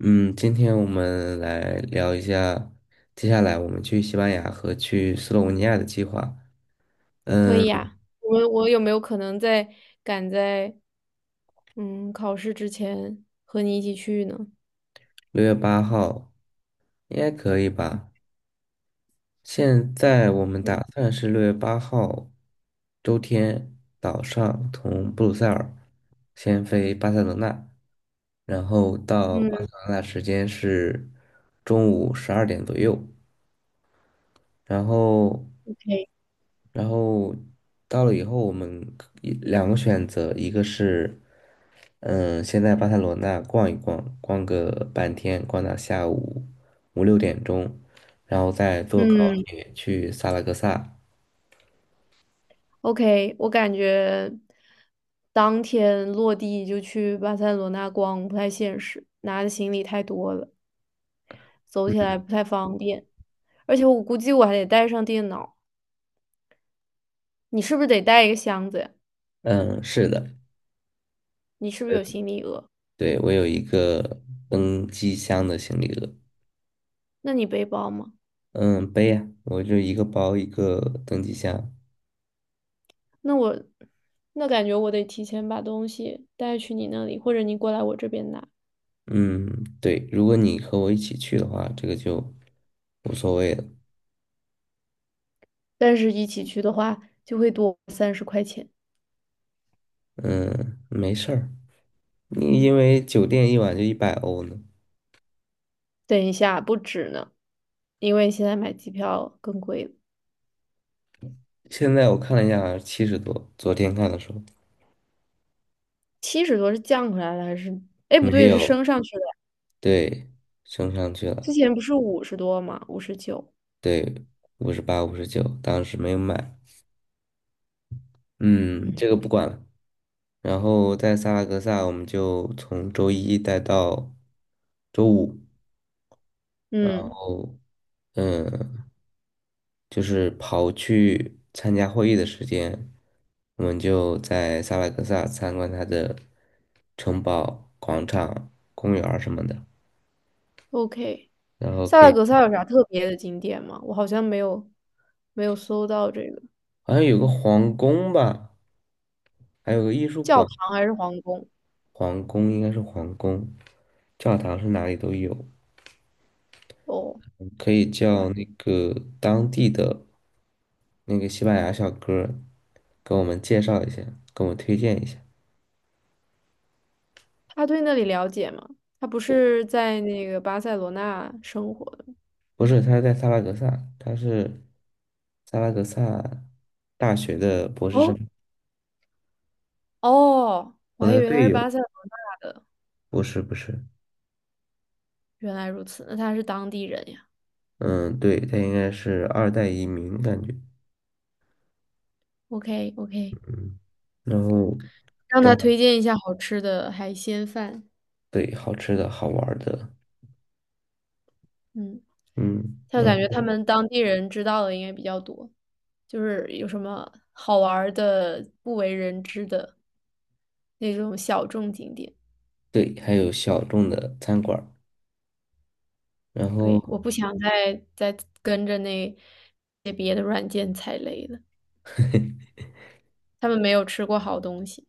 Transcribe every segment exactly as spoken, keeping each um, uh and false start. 嗯，今天我们来聊一下，接下来我们去西班牙和去斯洛文尼亚的计划，可以呀、我我有没有可能在赶在嗯考试之前和你一起去呢？六月八号应该可以吧？现在我们嗯打算是六月八号周天早上从布鲁塞尔先飞巴塞罗那，然后到巴塞嗯，罗那时间是中午十二点左右，然后可以。然后到了以后，我们可以两个选择，一个是，嗯，先在巴塞罗那逛一逛，逛个半天，逛到下午五六点钟，然后再坐高嗯铁去萨拉戈萨。，OK,我感觉当天落地就去巴塞罗那逛不太现实，拿的行李太多了，走起来不太方便。而且我估计我还得带上电脑，你是不是得带一个箱子呀？嗯，是的，你是不是有行李额？对，我有一个登机箱的行李额，那你背包吗？嗯，背呀，我就一个包一个登机箱。那我那感觉我得提前把东西带去你那里，或者你过来我这边拿。嗯，对，如果你和我一起去的话，这个就无所谓了。但是一起去的话，就会多三十块钱。嗯，没事儿。你因为酒店一晚就一百欧呢。等一下，不止呢，因为现在买机票更贵了，现在我看了一下，七十多。昨天看的时候七十多是降回来了还是？哎，不没对，是有，升上去了？对，升上去之了，前不是五十多吗？五十九。对，五十八、五十九，当时没有买。嗯，嗯，这个不管了。然后在萨拉戈萨，我们就从周一待到周五。嗯哦，嗯，就是刨去参加会议的时间，我们就在萨拉戈萨参观它的城堡、广场、公园儿什么的。，OK。然后萨可拉以，戈萨有啥特别的景点吗？我好像没有没有搜到这个好像有个皇宫吧，还有个艺术教馆，堂还是皇宫皇宫应该是皇宫，教堂是哪里都有，哦。可以叫那个当地的那个西班牙小哥儿给我们介绍一下，给我们推荐一下。他对那里了解吗？他不是在那个巴塞罗那生活的吗？不是，他是在萨拉格萨，他是萨拉格萨大学的博士生，哦哦，我我那还以个为他队是友，巴塞罗那的，不是不是，原来如此，那他是当地人呀。嗯，对，他应该是二代移民感觉，OK OK,嗯，然后。让他推荐一下好吃的海鲜饭。对，好吃的好玩儿的，嗯，嗯，他然感觉他后们当地人知道的应该比较多，就是有什么好玩儿的、不为人知的那种小众景点。对，还有小众的餐馆儿然后对，我不想再再跟着那些别的软件踩雷了。他们没有吃过好东西。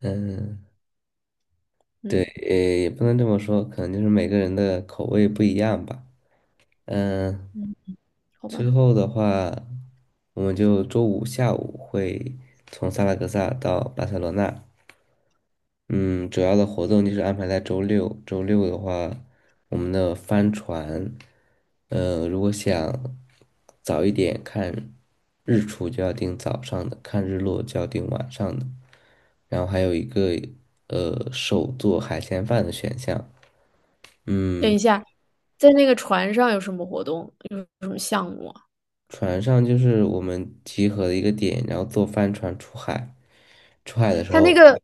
嗯，对，嗯呃，也不能这么说，可能就是每个人的口味不一样吧，嗯，嗯，好之吧。后的话，我们就周五下午会从萨拉戈萨到巴塞罗那，嗯，主要的活动就是安排在周六。周六的话，我们的帆船，呃，如果想早一点看日出，就要订早上的；看日落就要订晚上的。然后还有一个呃手做海鲜饭的选项。等嗯，一下，在那个船上有什么活动？有什么项目啊？船上就是我们集合的一个点，然后坐帆船出海。出海的时他那候个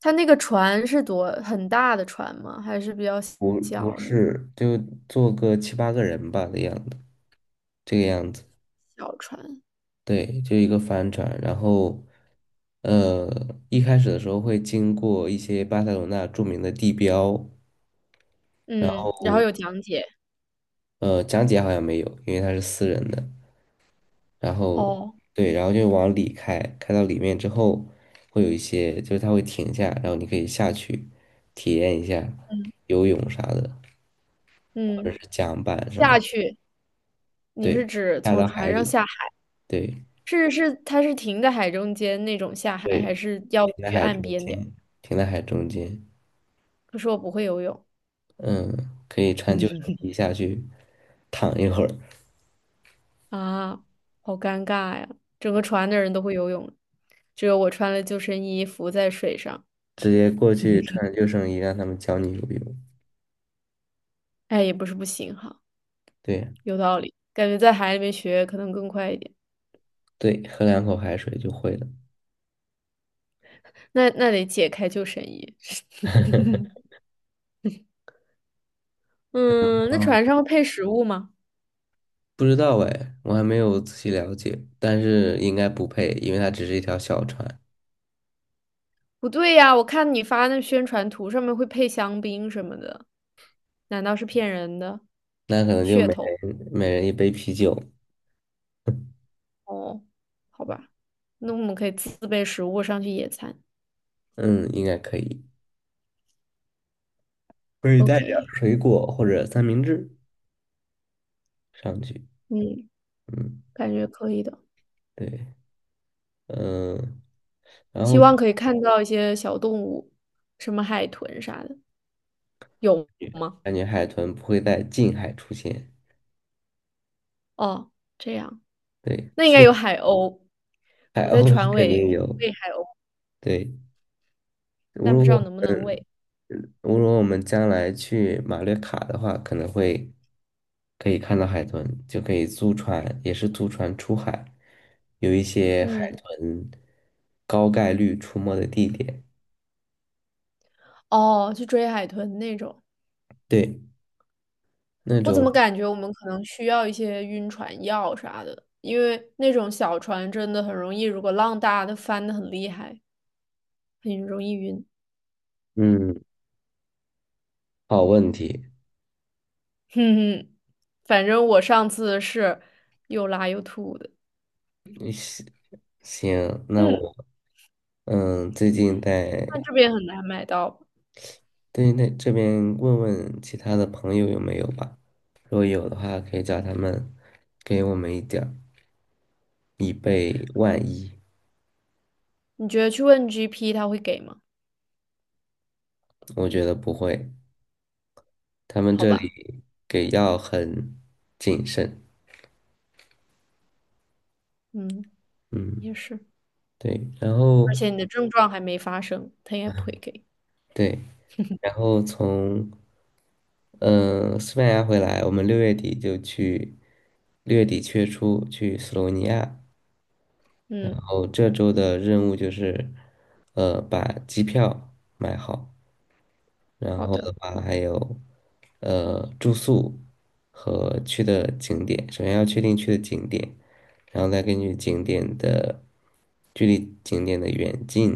他那个船是多很大的船吗？还是比较不不小的是就坐个七八个人吧的样子，这个样子。小船？对，就一个帆船。然后，呃，一开始的时候会经过一些巴塞罗那著名的地标，然嗯，然后后有讲解。呃，讲解好像没有，因为它是私人的。然后哦，对，然后就往里开，开到里面之后，会有一些就是它会停下，然后你可以下去体验一下嗯游泳啥的，或者嗯，是桨板什么下的。去，你是对，指下从到船海上里，下海？对是是，它是停在海中间那种下海，对，还是要停在去海岸中边的？间，停在海中间。可是我不会游泳。嗯，可以穿救生衣下去躺一会儿，啊，好尴尬呀！整个船的人都会游泳，只有我穿了救生衣浮在水上。直接过去穿救生衣让他们教你游泳。哎，也不是不行哈，对有道理，感觉在海里面学可能更快一点。对，喝两口海水就会了。那那得解开救生衣。嗯，那哦，船上会配食物吗？不知道哎，我还没有仔细了解，但是应该不配，因为它只是一条小船，不对呀，我看你发那宣传图上面会配香槟什么的，难道是骗人的？那可能就噱每头人每人一杯啤酒，哦，好吧，那我们可以自备食物上去野餐。嗯，应该可以，可以带点儿 OK,水果或者三明治上去，嗯，嗯，感觉可以的。对，嗯，然希后望可以看到一些小动物，什么海豚啥的，有吗？感觉海豚不会在近海出现，哦，这样，对，那应该去有海鸥。我海在鸥是船肯尾定有，喂海鸥，对。如但不知果道我能不能们喂。如果我们将来去马略卡的话，可能会可以看到海豚，就可以租船，也是租船出海，有一些海嗯，豚高概率出没的地点。哦，去追海豚那种。对，那我怎种么感觉我们可能需要一些晕船药啥的，因为那种小船真的很容易，如果浪大，它翻的很厉害，很容易晕。嗯，好问题。哼哼，反正我上次是又拉又吐的。行，那嗯，我嗯最近那在这边很难买到。对，那这边问问其他的朋友有没有吧，如果有的话，可以叫他们给我们一点儿，以备万一。你觉得去问 G P 他会给吗？我觉得不会，他们好这吧，里给药很谨慎。嗯，也嗯，是，对，然而后且你的症状还没发生，他应该不会给。对，然后从嗯、呃西班牙回来，我们六月底就去，六月底月初去斯洛文尼亚。然嗯，后这周的任务就是，呃，把机票买好。然好后的的，话还有呃住宿和去的景点，首先要确定去的景点，然后再根据景点的距离、景点的远近，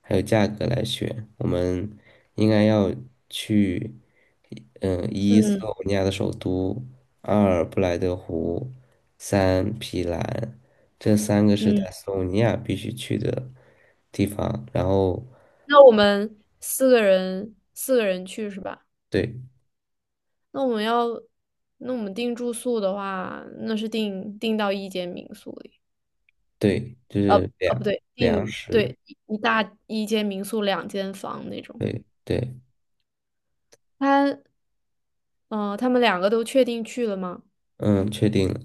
还有价格来选。我们应该要去，嗯、一斯嗯洛文尼亚的首都，二布莱德湖，三皮兰，这三个是嗯，在斯洛文尼亚必须去的地方。然后那我们四个人四个人去是吧？对，那我们要，那我们订住宿的话，那是订订到一间民宿里，对，就呃是呃不粮对，粮订食，对一一大一间民宿两间房那种。对对，他嗯、呃他们两个都确定去了吗？嗯，确定了，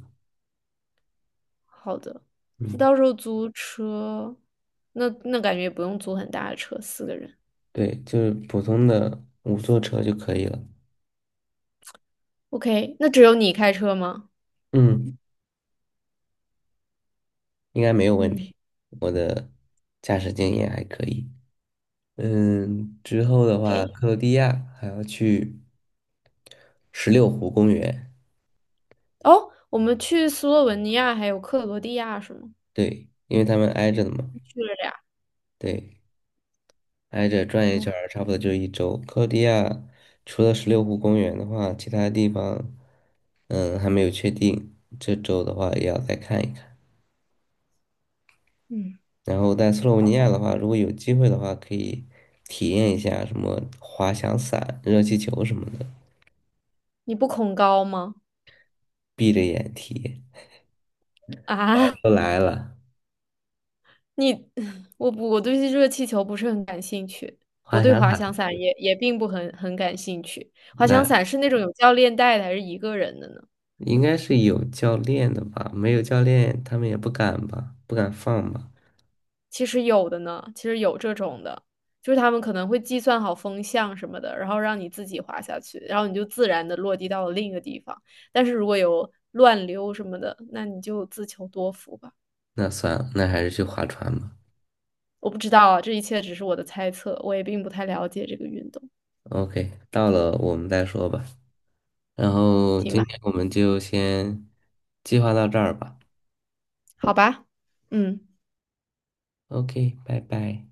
好的，你嗯，到时候租车，那那感觉也不用租很大的车，四个人。对，就是普通的五座车就可以了，OK,那只有你开车吗？嗯，应该没有问嗯题，我的驾驶经验还可以，嗯，之后的话，，OK。克罗地亚还要去十六湖公园，哦，我们去斯洛文尼亚还有克罗地亚是吗？对，因为他们挨着的嘛，去了俩。对，挨着转一哦，圈儿差不多就一周。克罗地亚除了十六湖公园的话，其他地方，嗯，还没有确定。这周的话也要再看一看。嗯，然后在斯洛文好。尼亚的话，如果有机会的话，可以体验一下什么滑翔伞、热气球什么的，你不恐高吗？闭着眼体验。啊，都来了，你，我不，我对热气球不是很感兴趣，我滑对翔滑伞翔伞也也并不很很感兴趣。滑翔那伞是那种有教练带的，还是一个人的呢？应该是有教练的吧？没有教练，他们也不敢吧？不敢放吧？其实有的呢，其实有这种的，就是他们可能会计算好风向什么的，然后让你自己滑下去，然后你就自然的落地到了另一个地方。但是如果有乱流什么的，那你就自求多福吧。那算了，那还是去划船吧。我不知道啊，这一切只是我的猜测，我也并不太了解这个运动。OK，到了我们再说吧。然后行今吧，天我们就先计划到这儿吧。好吧，嗯。OK，拜拜。